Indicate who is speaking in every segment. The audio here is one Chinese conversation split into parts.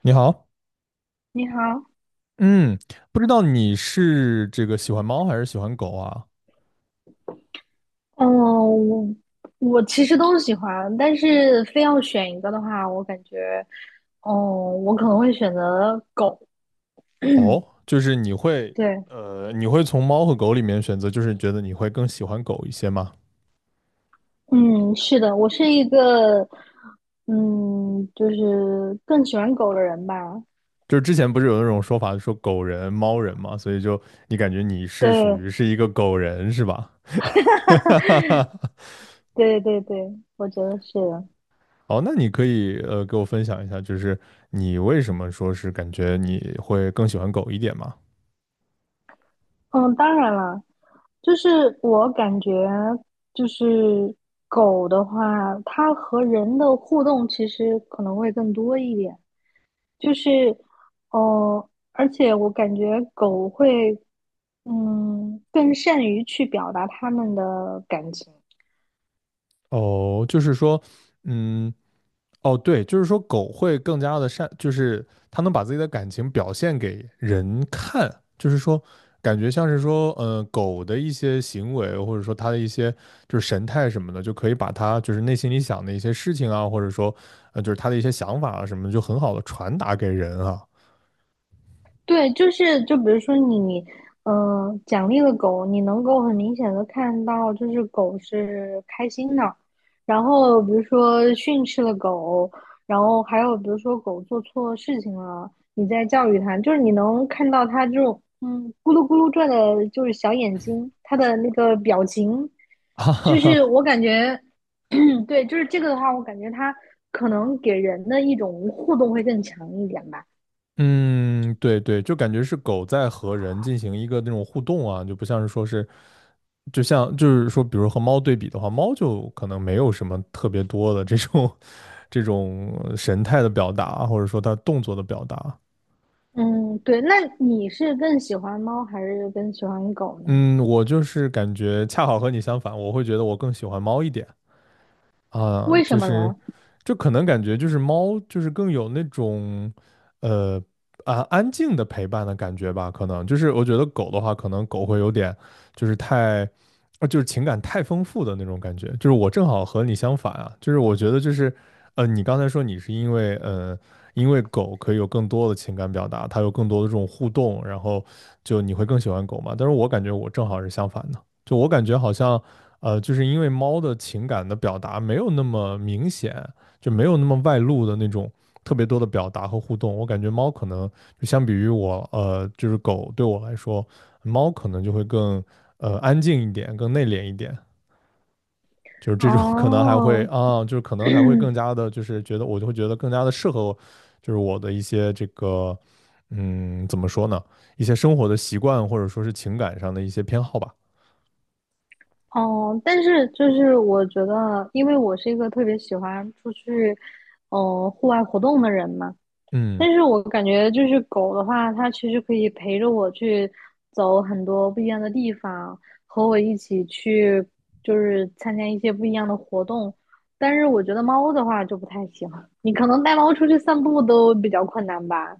Speaker 1: 你好，
Speaker 2: 你好。
Speaker 1: 嗯，不知道你是这个喜欢猫还是喜欢狗啊？
Speaker 2: 嗯，我我其实都喜欢，但是非要选一个的话，我感觉，哦，我可能会选择狗。
Speaker 1: 哦，就是你会，
Speaker 2: 对。
Speaker 1: 你会从猫和狗里面选择，就是觉得你会更喜欢狗一些吗？
Speaker 2: 嗯，是的，我是一个，就是更喜欢狗的人吧。
Speaker 1: 就是之前不是有那种说法说狗人、猫人嘛，所以就你感觉你是属
Speaker 2: 对
Speaker 1: 于是一个狗人是吧？
Speaker 2: 对对对，我觉得是的。
Speaker 1: 哦，那你可以给我分享一下，就是你为什么说是感觉你会更喜欢狗一点吗？
Speaker 2: 嗯，当然了，就是我感觉，就是狗的话，它和人的互动其实可能会更多一点。就是，哦，而且我感觉狗会，更善于去表达它们的感情。
Speaker 1: 哦，就是说，嗯。哦，对，就是说狗会更加的善，就是它能把自己的感情表现给人看，就是说感觉像是说，狗的一些行为或者说它的一些就是神态什么的，就可以把它就是内心里想的一些事情啊，或者说就是它的一些想法啊什么的，就很好的传达给人啊，
Speaker 2: 对，就比如说你，奖励了狗，你能够很明显的看到，就是狗是开心的。然后比如说训斥了狗，然后还有比如说狗做错事情了，你在教育它，就是你能看到它这种咕噜咕噜转的，就是小眼睛，它的那个表情，
Speaker 1: 哈哈
Speaker 2: 就是
Speaker 1: 哈，
Speaker 2: 我感觉，对，就是这个的话，我感觉它可能给人的一种互动会更强一点吧。
Speaker 1: 嗯，对对，就感觉是狗在和人进行一个那种互动啊，就不像是说是。就像就是说，比如和猫对比的话，猫就可能没有什么特别多的这种 这种神态的表达，或者说他动作的表达。
Speaker 2: 嗯，对，那你是更喜欢猫还是更喜欢狗呢？
Speaker 1: 嗯，我就是感觉恰好和你相反，我会觉得我更喜欢猫一点。啊，
Speaker 2: 为
Speaker 1: 就
Speaker 2: 什么
Speaker 1: 是，
Speaker 2: 呢？
Speaker 1: 就可能感觉就是猫就是更有那种，呃啊安静的陪伴的感觉吧，可能就是我觉得狗的话，可能狗会有点就是太，啊就是情感太丰富的那种感觉。就是我正好和你相反啊，就是我觉得就是，你刚才说你是因为因为狗可以有更多的情感表达，它有更多的这种互动，然后就你会更喜欢狗嘛？但是我感觉我正好是相反的。就我感觉好像，就是因为猫的情感的表达没有那么明显，就没有那么外露的那种特别多的表达和互动。我感觉猫可能就相比于我，就是狗对我来说，猫可能就会更安静一点，更内敛一点。就是这种 可能还会
Speaker 2: 哦
Speaker 1: 啊，就是可能还会更加的，就是觉得我就会觉得更加的适合我，就是我的一些这个，怎么说呢，一些生活的习惯或者说是情感上的一些偏好吧。
Speaker 2: 哦，但是就是我觉得，因为我是一个特别喜欢出去，户外活动的人嘛。
Speaker 1: 嗯。
Speaker 2: 但是我感觉就是狗的话，它其实可以陪着我去走很多不一样的地方，和我一起去就是参加一些不一样的活动。但是我觉得猫的话就不太行，你可能带猫出去散步都比较困难吧。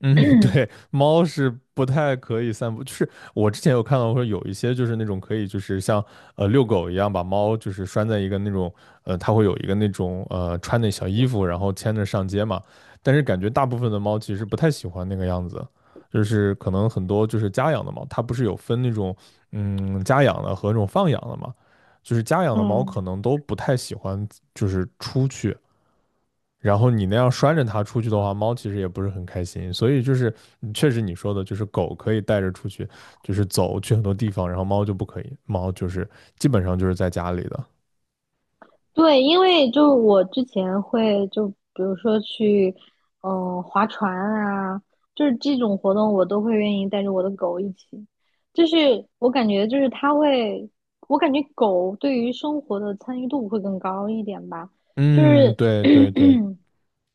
Speaker 1: 嗯，对，猫是不太可以散步。就是我之前有看到说有一些就是那种可以就是像遛狗一样把猫就是拴在一个那种它会有一个那种穿的小衣服，然后牵着上街嘛。但是感觉大部分的猫其实不太喜欢那个样子，就是可能很多就是家养的猫，它不是有分那种嗯家养的和那种放养的嘛，就是家养的猫
Speaker 2: 嗯，
Speaker 1: 可能都不太喜欢就是出去。然后你那样拴着它出去的话，猫其实也不是很开心。所以就是嗯确实你说的，就是狗可以带着出去，就是走去很多地方，然后猫就不可以，猫就是基本上就是在家里的。
Speaker 2: 对，因为就我之前会就比如说去，划船啊，就是这种活动我都会愿意带着我的狗一起。就是我感觉就是它会，我感觉狗对于生活的参与度会更高一点吧。就
Speaker 1: 嗯，
Speaker 2: 是
Speaker 1: 对对对，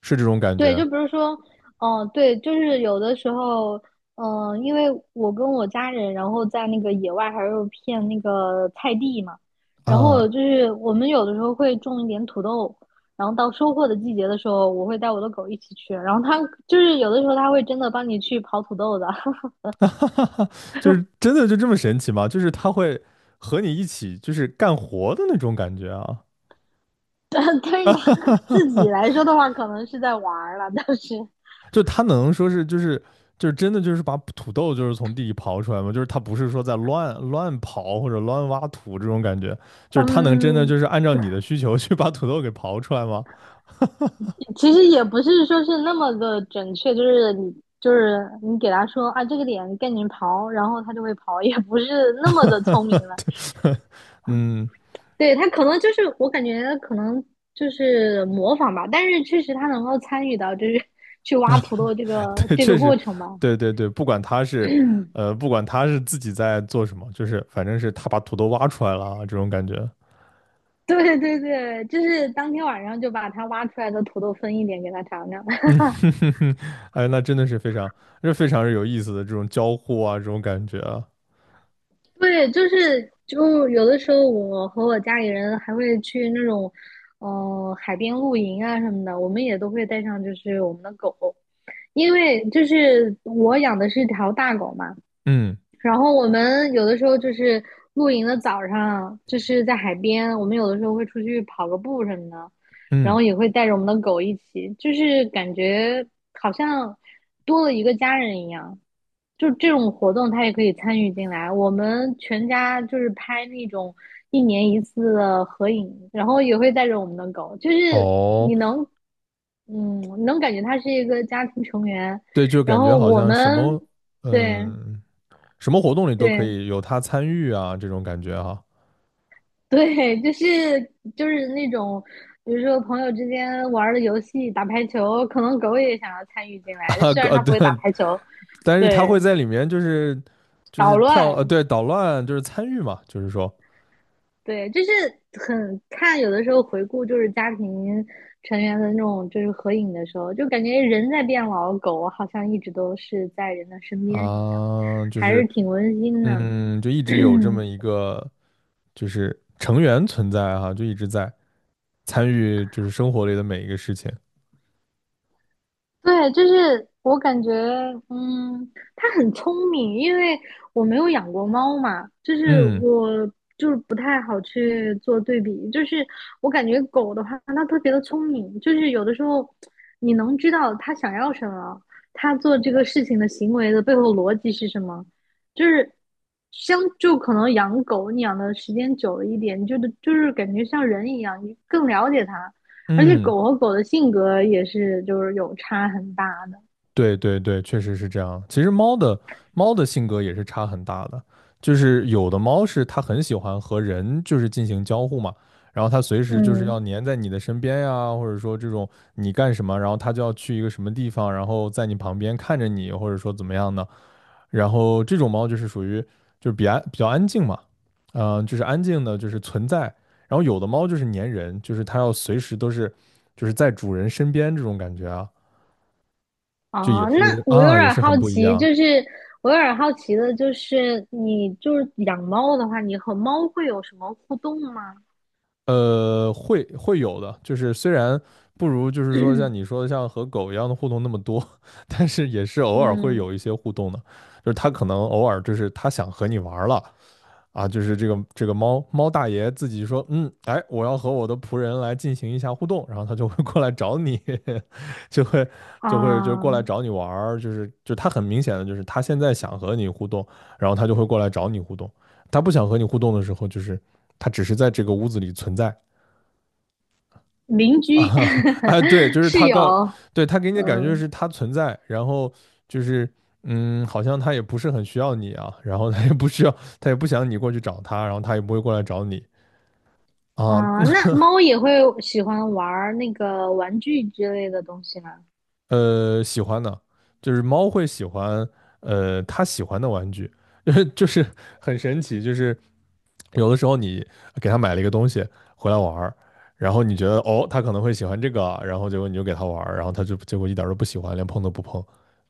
Speaker 1: 是这种感
Speaker 2: 对，就
Speaker 1: 觉
Speaker 2: 比如说，对，就是有的时候，因为我跟我家人，然后在那个野外还有片那个菜地嘛，然后
Speaker 1: 啊，
Speaker 2: 就是我们有的时候会种一点土豆，然后到收获的季节的时候，我会带我的狗一起去，然后它就是有的时候它会真的帮你去刨土豆的，
Speaker 1: 就是真的就这么神奇吗？就是它会和你一起就是干活的那种感觉啊。
Speaker 2: 但是它自己 来说的话，可能是在玩儿了，但是，
Speaker 1: 就他能说是就是就是真的就是把土豆就是从地里刨出来吗？就是他不是说在乱刨或者乱挖土这种感觉，就是他能真的
Speaker 2: 嗯，
Speaker 1: 就是按照你的需求去把土豆给刨出来吗？
Speaker 2: 其实也不是说是那么的准确，就是你给他说啊这个点赶紧刨，然后他就会刨，也不是那么的聪明 了。
Speaker 1: 对，嗯，
Speaker 2: 对，他可能就是我感觉可能就是模仿吧，但是确实他能够参与到就是 去挖土豆这个
Speaker 1: 对，
Speaker 2: 这
Speaker 1: 确
Speaker 2: 个
Speaker 1: 实，
Speaker 2: 过程吧。
Speaker 1: 对对 对，不管他是不管他是自己在做什么，就是反正是他把土豆挖出来了啊这种感觉。
Speaker 2: 对对对，就是当天晚上就把他挖出来的土豆分一点给他尝尝。
Speaker 1: 嗯，哼哼哼哎，那真的是非常，这非常是有意思的这种交互啊，这种感觉啊。
Speaker 2: 对，就是就有的时候，我和我家里人还会去那种，海边露营啊什么的，我们也都会带上就是我们的狗，因为就是我养的是条大狗嘛，
Speaker 1: 嗯
Speaker 2: 然后我们有的时候就是露营的早上，就是在海边，我们有的时候会出去跑个步什么的，然
Speaker 1: 嗯，
Speaker 2: 后也会带着我们的狗一起，就是感觉好像多了一个家人一样。就这种活动，它也可以参与进来。我们全家就是拍那种一年一次的合影，然后也会带着我们的狗，就是
Speaker 1: 哦，
Speaker 2: 你能，能感觉他是一个家庭成员。
Speaker 1: 对，就
Speaker 2: 然
Speaker 1: 感觉
Speaker 2: 后
Speaker 1: 好
Speaker 2: 我
Speaker 1: 像什
Speaker 2: 们，
Speaker 1: 么，
Speaker 2: 对
Speaker 1: 嗯，什么活动里都可
Speaker 2: 对，
Speaker 1: 以有他参与啊，这种感觉哈。
Speaker 2: 对，就是那种，比如说朋友之间玩儿的游戏，打排球，可能狗也想要参与进
Speaker 1: 啊，
Speaker 2: 来，虽然它不
Speaker 1: 对，
Speaker 2: 会打排球，
Speaker 1: 但是他
Speaker 2: 对，
Speaker 1: 会在里面就是就
Speaker 2: 捣
Speaker 1: 是跳，
Speaker 2: 乱，
Speaker 1: 对，捣乱就是参与嘛，就是说
Speaker 2: 对，就是有的时候回顾就是家庭成员的那种就是合影的时候，就感觉人在变老，狗好像一直都是在人的身边一样，
Speaker 1: 啊，就
Speaker 2: 还是
Speaker 1: 是
Speaker 2: 挺温馨的。
Speaker 1: 嗯，就一直有这么一 个就是成员存在哈，就一直在参与就是生活里的每一个事情。
Speaker 2: 对，就是我感觉，它很聪明，因为我没有养过猫嘛，就是
Speaker 1: 嗯
Speaker 2: 我就是不太好去做对比，就是我感觉狗的话，它特别的聪明，就是有的时候你能知道它想要什么，它做这个事情的行为的背后逻辑是什么，就是可能养狗，你养的时间久了一点，你就是感觉像人一样，你更了解它，而且
Speaker 1: 嗯。
Speaker 2: 狗和狗的性格也是就是有差很大的。
Speaker 1: 对对对，确实是这样。其实猫的猫的性格也是差很大的，就是有的猫是它很喜欢和人就是进行交互嘛，然后它随时就是
Speaker 2: 嗯，
Speaker 1: 要黏在你的身边呀，或者说这种你干什么，然后它就要去一个什么地方，然后在你旁边看着你，或者说怎么样呢？然后这种猫就是属于就是比较比较安静嘛，嗯、就是安静的，就是存在。然后有的猫就是粘人，就是它要随时都是就是在主人身边这种感觉啊。就也
Speaker 2: 哦，那
Speaker 1: 是
Speaker 2: 我有
Speaker 1: 啊，也
Speaker 2: 点
Speaker 1: 是
Speaker 2: 好
Speaker 1: 很不一
Speaker 2: 奇，
Speaker 1: 样。
Speaker 2: 就是我有点好奇的，就是你就是养猫的话，你和猫会有什么互动吗？
Speaker 1: 会会有的，就是虽然不如就是说像你说的像和狗一样的互动那么多，但是也是偶尔会
Speaker 2: 嗯
Speaker 1: 有一些互动的，就是它可能偶尔就是它想和你玩儿了，啊，就是这个这个猫猫大爷自己说，嗯，哎，我要和我的仆人来进行一下互动，然后他就会过来找你，就会就会就过来
Speaker 2: 啊，
Speaker 1: 找你玩儿，就是就他很明显的就是他现在想和你互动，然后他就会过来找你互动，他不想和你互动的时候，就是他只是在这个屋子里存在
Speaker 2: 邻居
Speaker 1: 啊，哎，对，就是
Speaker 2: 室
Speaker 1: 他告，
Speaker 2: 友
Speaker 1: 对，他给你的感觉
Speaker 2: 嗯，
Speaker 1: 是他存在，然后就是嗯，好像他也不是很需要你啊，然后他也不需要，他也不想你过去找他，然后他也不会过来找你。啊，
Speaker 2: 那
Speaker 1: 那
Speaker 2: 猫也会喜欢玩儿那个玩具之类的东西吗？
Speaker 1: 喜欢的，就是猫会喜欢，它喜欢的玩具，就是很神奇，就是有的时候你给它买了一个东西回来玩儿，然后你觉得哦，它可能会喜欢这个啊，然后结果你就给它玩儿，然后它就结果一点儿都不喜欢，连碰都不碰，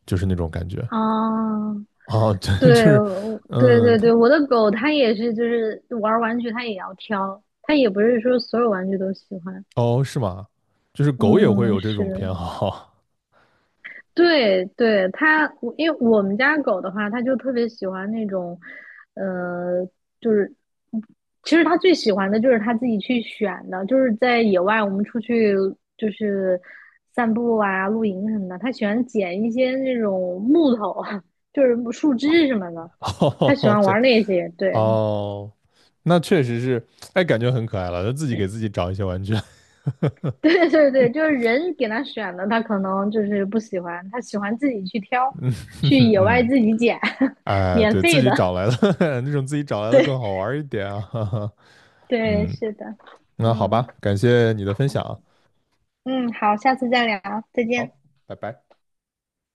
Speaker 1: 就是那种感觉。
Speaker 2: 啊，
Speaker 1: 哦，对，就
Speaker 2: 对，
Speaker 1: 是，
Speaker 2: 我对
Speaker 1: 嗯，
Speaker 2: 对
Speaker 1: 它，
Speaker 2: 对，我的狗它也是，就是玩儿玩具它也要挑，它也不是说所有玩具都喜欢。
Speaker 1: 哦，是吗？就是狗也会
Speaker 2: 嗯，
Speaker 1: 有这
Speaker 2: 是
Speaker 1: 种
Speaker 2: 的，
Speaker 1: 偏好，
Speaker 2: 对对，它，我因为我们家狗的话，它就特别喜欢那种，呃，就是其实它最喜欢的就是它自己去选的，就是在野外我们出去就是散步啊、露营什么的，它喜欢捡一些那种木头，就是树枝什么的，它喜
Speaker 1: 哦，
Speaker 2: 欢
Speaker 1: 这样。
Speaker 2: 玩那些，对。
Speaker 1: 哦，那确实是，哎，感觉很可爱了，他自己给自己找一些玩具，
Speaker 2: 对对对，就是人给他选的，他可能就是不喜欢，他喜欢自己去挑，去 野外
Speaker 1: 嗯，
Speaker 2: 自己捡，
Speaker 1: 哎，
Speaker 2: 免
Speaker 1: 对，自
Speaker 2: 费
Speaker 1: 己找
Speaker 2: 的。
Speaker 1: 来的 那种自己找 来的更
Speaker 2: 对
Speaker 1: 好玩一点啊，
Speaker 2: 对，
Speaker 1: 嗯，
Speaker 2: 是的，
Speaker 1: 那好
Speaker 2: 嗯
Speaker 1: 吧，感谢你的分享啊，
Speaker 2: 嗯，好，下次再聊，再见。
Speaker 1: 好，拜拜。